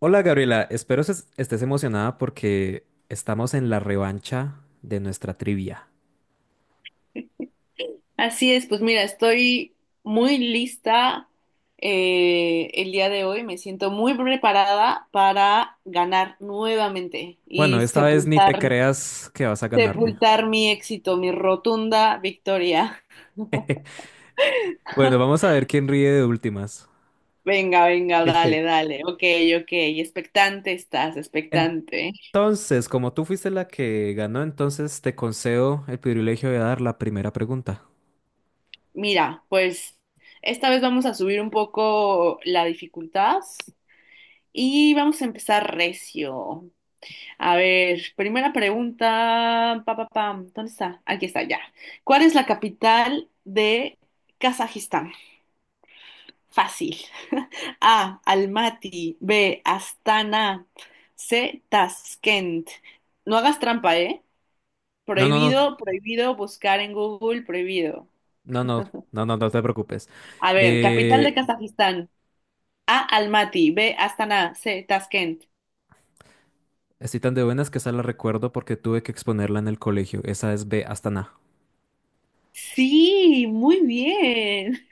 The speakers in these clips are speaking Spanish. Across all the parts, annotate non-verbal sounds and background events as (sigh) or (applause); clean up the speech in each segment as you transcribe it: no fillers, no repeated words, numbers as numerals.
Hola Gabriela, espero estés emocionada porque estamos en la revancha de nuestra trivia. Así es, pues mira, estoy muy lista, el día de hoy, me siento muy preparada para ganar nuevamente Bueno, y esta vez ni te sepultar, creas que vas a ganarme. sepultar mi éxito, mi rotunda victoria. (laughs) Bueno, vamos a ver quién ríe de últimas. (laughs) Venga, venga, dale, (laughs) dale, ok, ok, expectante estás, expectante. Entonces, como tú fuiste la que ganó, entonces te concedo el privilegio de dar la primera pregunta. Mira, pues esta vez vamos a subir un poco la dificultad y vamos a empezar recio. A ver, primera pregunta. Pa, pa, pam. ¿Dónde está? Aquí está, ya. ¿Cuál es la capital de Kazajistán? Fácil. (laughs) A. Almaty. B. Astana. C. Tashkent. No hagas trampa, ¿eh? No, no, no, Prohibido, prohibido buscar en Google, prohibido. no, no, no, no, no te preocupes. A ver, capital de Eh, Kazajistán. A. Almaty. B. Astana. C. Tashkent. Estoy tan de buenas que esa la recuerdo porque tuve que exponerla en el colegio. Esa es B hasta na. Sí, muy bien.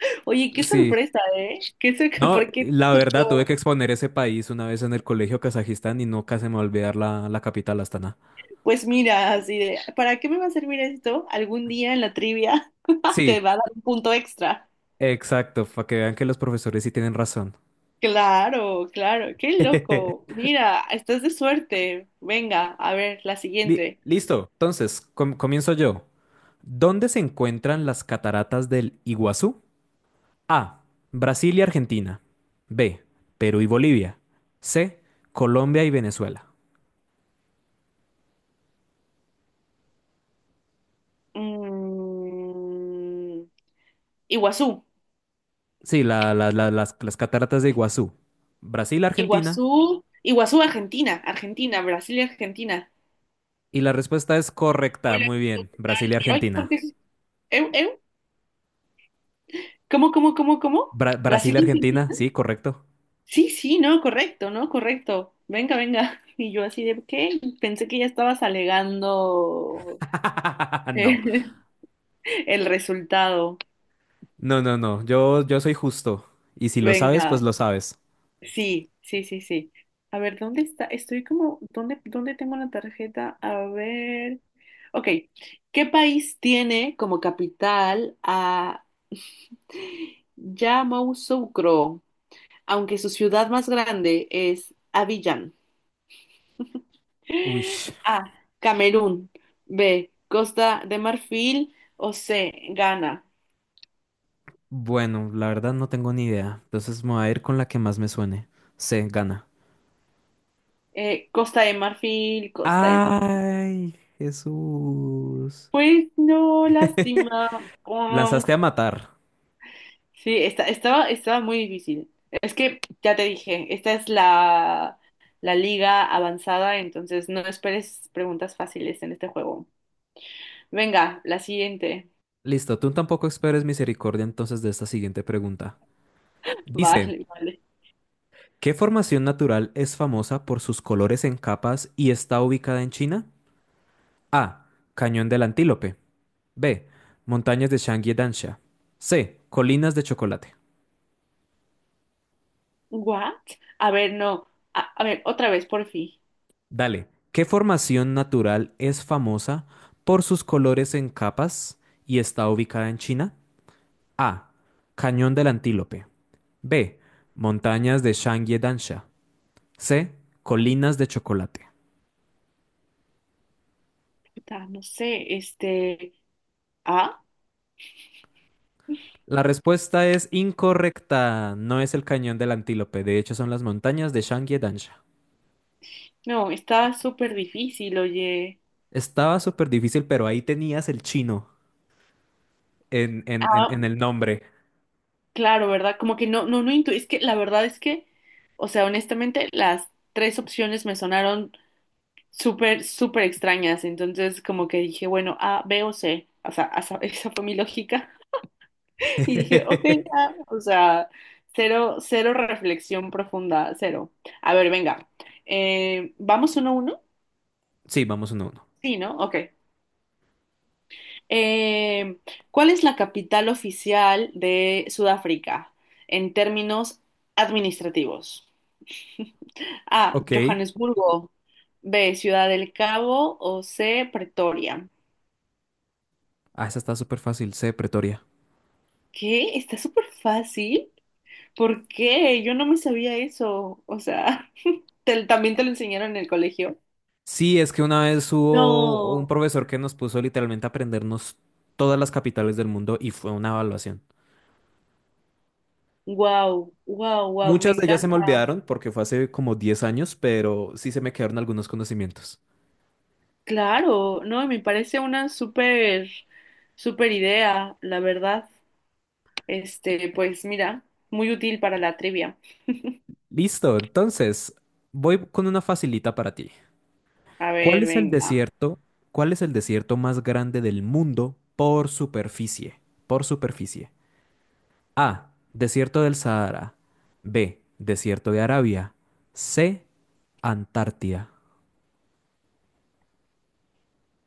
(laughs) Oye, qué Sí. sorpresa, ¿eh? (laughs) No, ¿Por qué? la verdad, tuve que exponer ese país una vez en el colegio Kazajistán y nunca se me va a olvidar la capital, Astana. Pues mira, así de, ¿para qué me va a servir esto? Algún día en la trivia (laughs) Sí, te va a dar un punto extra. exacto, para que vean que los profesores sí tienen razón. Claro, claro, qué loco. (laughs) Mira, estás de suerte. Venga, a ver, la siguiente. Listo, entonces, comienzo yo. ¿Dónde se encuentran las cataratas del Iguazú? A. Brasil y Argentina. B. Perú y Bolivia. C. Colombia y Venezuela. Mm, Iguazú, Sí, las cataratas de Iguazú. Brasil, Argentina. Iguazú, Iguazú, Argentina, Argentina, Brasil y Argentina. Y la respuesta es correcta. Hola, Muy bien. ¿qué tal? Brasil y Ay, ¿por Argentina. qué? ¿Eh, eh? ¿Cómo, cómo, cómo, cómo? Brasil Brasil y y Argentina, Argentina. sí, correcto. Sí, sí, no, correcto, no, correcto. Venga, venga. (laughs) Y yo así de, ¿qué? Pensé que ya estabas alegando (laughs) No, eh, (laughs) el resultado. no, no, no. Yo soy justo. Y si lo sabes, pues Venga, lo sabes. sí, sí, sí, sí. A ver, ¿dónde está? Estoy como, ¿dónde, dónde tengo la tarjeta? A ver. Ok, ¿qué país tiene como capital a Yamoussoukro, aunque su ciudad más grande es Abiyán? Uy, A. Camerún. B. Costa de Marfil. O C. Ghana. bueno, la verdad no tengo ni idea. Entonces me voy a ir con la que más me suene. Se gana. Costa de Marfil, Costa de Marfil. Ay, Jesús. Pues no, (laughs) lástima. Pong. Lanzaste a matar. Sí, estaba, estaba muy difícil. Es que ya te dije, esta es la liga avanzada, entonces no esperes preguntas fáciles en este juego. Venga, la siguiente. Listo, tú tampoco esperes misericordia entonces de esta siguiente pregunta. Dice. Vale, vale. ¿Qué formación natural es famosa por sus colores en capas y está ubicada en China? A. Cañón del Antílope. B. Montañas de Shangri Dansha. C. Colinas de Chocolate. ¿What? A ver, no. A ver, otra vez, por fin. Dale. ¿Qué formación natural es famosa por sus colores en capas y está ubicada en China? A. Cañón del Antílope. B. Montañas de Shangri Dansha. C. Colinas de Chocolate. Puta, no sé, este. ¿A? La respuesta es incorrecta. No es el cañón del Antílope. De hecho, son las montañas de shangye. No, está súper difícil, oye. Estaba súper difícil, pero ahí tenías el chino Ah, en el nombre. claro, ¿verdad? Como que no, no, Es que la verdad es que, o sea, honestamente, las tres opciones me sonaron súper, súper extrañas. Entonces, como que dije, bueno, A, B o C. O sea, esa, (laughs) esa fue mi lógica. (laughs) Y dije, ok, ya. (laughs) O sea, cero, cero reflexión profunda, cero. A ver, venga. ¿Vamos uno a uno? Sí, vamos uno a uno. Sí, ¿no? Ok. Eh, ¿Cuál es la capital oficial de Sudáfrica en términos administrativos? A. Ok. Johannesburgo. B. Ciudad del Cabo. O C. Pretoria. Ah, esa está súper fácil. C, Pretoria. ¿Qué? Está súper fácil. ¿Por qué? Yo no me sabía eso. O sea, (laughs) ¿también te lo enseñaron en el colegio? Sí, es que una vez hubo un No. profesor que nos puso literalmente a aprendernos todas las capitales del mundo y fue una evaluación. Wow, wow, wow. Me Muchas de ellas encanta. se me olvidaron porque fue hace como 10 años, pero sí se me quedaron algunos conocimientos. Claro, no, me parece una súper, súper idea, la verdad. Este, pues mira, muy útil para la trivia. Listo, entonces voy con una facilita para ti. A ¿Cuál ver, es el venga, desierto? ¿Cuál es el desierto más grande del mundo por superficie? Por superficie. A. Desierto del Sahara. B. Desierto de Arabia. C. Antártida.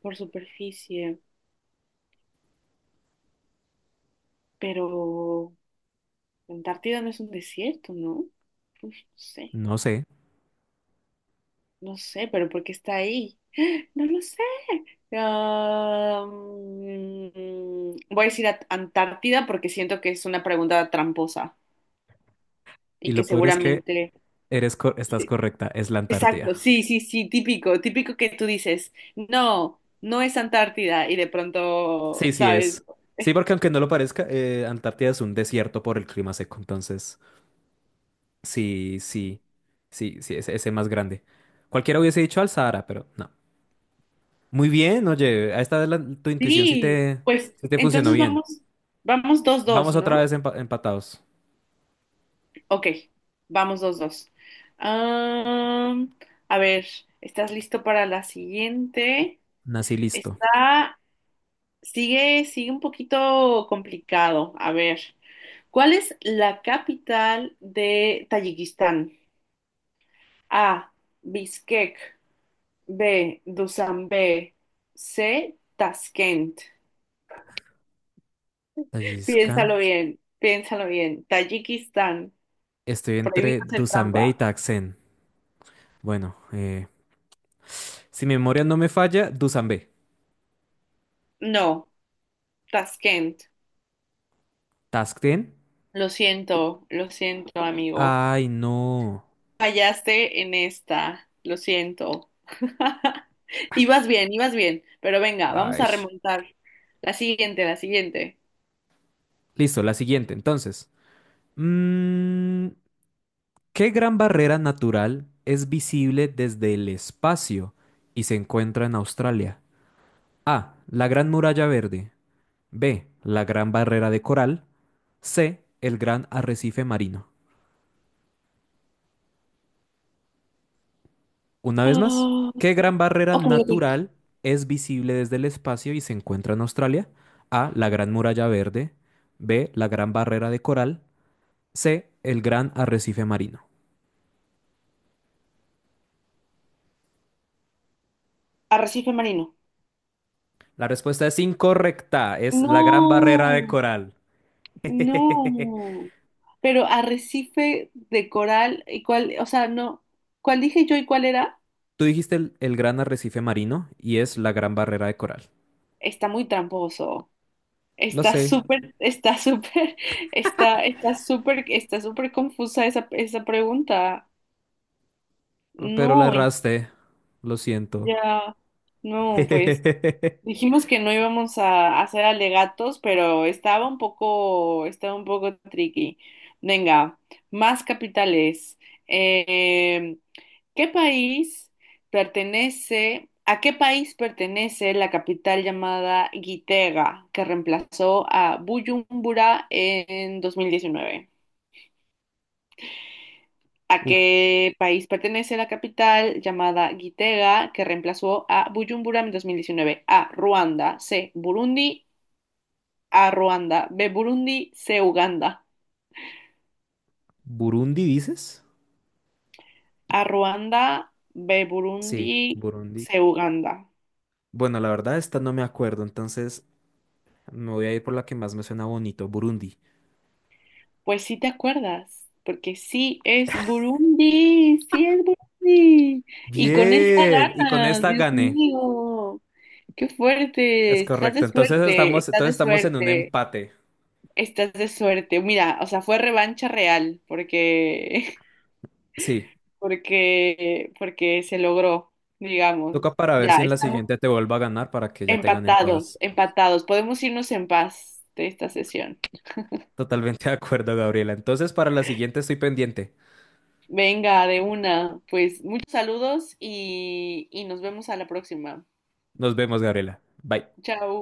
por superficie, pero la Antártida no es un desierto, ¿no? Uy, no sé, No sé. no sé, pero ¿por qué está ahí? (gasps) No lo sé. Ah, mm, voy a decir a- Antártida porque siento que es una pregunta tramposa Y y que lo peor es que seguramente... estás Sí, correcta, es la Antártida. exacto, sí, sí, sí, típico, típico que tú dices, no, no es Antártida y de pronto, Sí, sí ¿sabes? es. Sí, porque aunque no lo parezca, Antártida es un desierto por el clima seco, entonces. Sí, sí, sí, sí, ese más grande. Cualquiera hubiese dicho al Sahara, pero no. Muy bien, oye, a esta vez tu intuición Sí, pues sí te funcionó entonces bien. vamos, vamos dos, dos, Vamos otra ¿no? vez empatados. Ok, vamos dos, dos. Am, a ver, ¿estás listo para la siguiente? Nací listo. Está, sigue, sigue un poquito complicado. A ver, ¿cuál es la capital de Tayikistán? A, Bishkek, B, Dushanbe, C, Tashkent. Tajikistán. Piénsalo bien, piénsalo bien. Tayikistán. Estoy Prohibido entre hacer trampa. Dusanbe y Taksen. Bueno, si mi memoria no me falla, Dusanbe. No, Taskent. Taksen. Lo siento, amigo. Ay, no. Fallaste en esta. Lo siento. (laughs) Ay, Ibas bien, ibas bien. Pero venga, vamos a ay. remontar. La siguiente, la siguiente. Listo, la siguiente, entonces. Mm, ¿Qué gran barrera natural es visible desde el espacio y se encuentra en Australia? A. La Gran Muralla Verde. B. La Gran Barrera de Coral. C. El Gran Arrecife Marino. Una vez más, Ah, ¿qué gran barrera ok, ok. natural es visible desde el espacio y se encuentra en Australia? A. La Gran Muralla Verde. B. La Gran Barrera de Coral. C. El Gran Arrecife Marino. Arrecife marino. La respuesta es incorrecta. Es la Gran Barrera de No, Coral. (laughs) no. Pero arrecife de coral, ¿y cuál? O sea, no. ¿Cuál dije yo y cuál era? Tú dijiste el gran arrecife marino y es la gran barrera de coral. Está muy tramposo. Lo sé, Está súper, (laughs) está, está súper confusa esa, esa pregunta. pero la No, erraste. Lo siento. ya, no, pues (laughs) dijimos que no íbamos a hacer alegatos, pero estaba un poco tricky. Venga, más capitales. Eh, ¿Qué país ¿a qué país pertenece la capital llamada Gitega, que reemplazó a Buyumbura en 2019? ¿A Uf, qué país pertenece la capital llamada Gitega, que reemplazó a Buyumbura en 2019? A, Ruanda, B, Burundi, C, Uganda. ¿Burundi dices? A, Ruanda, B, Sí, Burundi, Burundi. C, Uganda. Bueno, la verdad, esta no me acuerdo, entonces me voy a ir por la que más me suena bonito, Burundi. Pues sí te acuerdas, porque sí es Burundi, sí es Burundi. Y con esa Bien, y con gana, esta Dios gané. mío, qué fuerte, Es estás de correcto, suerte, estás de entonces estamos en un suerte, empate. estás de suerte. Mira, o sea, fue revancha real, porque, Sí, (laughs) porque, porque se logró, digamos. toca para ver Ya, si en la estamos siguiente te vuelvo a ganar para que ya te ganen empatados, todas. empatados. Podemos irnos en paz de esta sesión. Totalmente de acuerdo, Gabriela. Entonces, para la siguiente estoy pendiente. Venga, de una. Pues muchos saludos y nos vemos a la próxima. Nos vemos, Gabriela. Bye. Chao.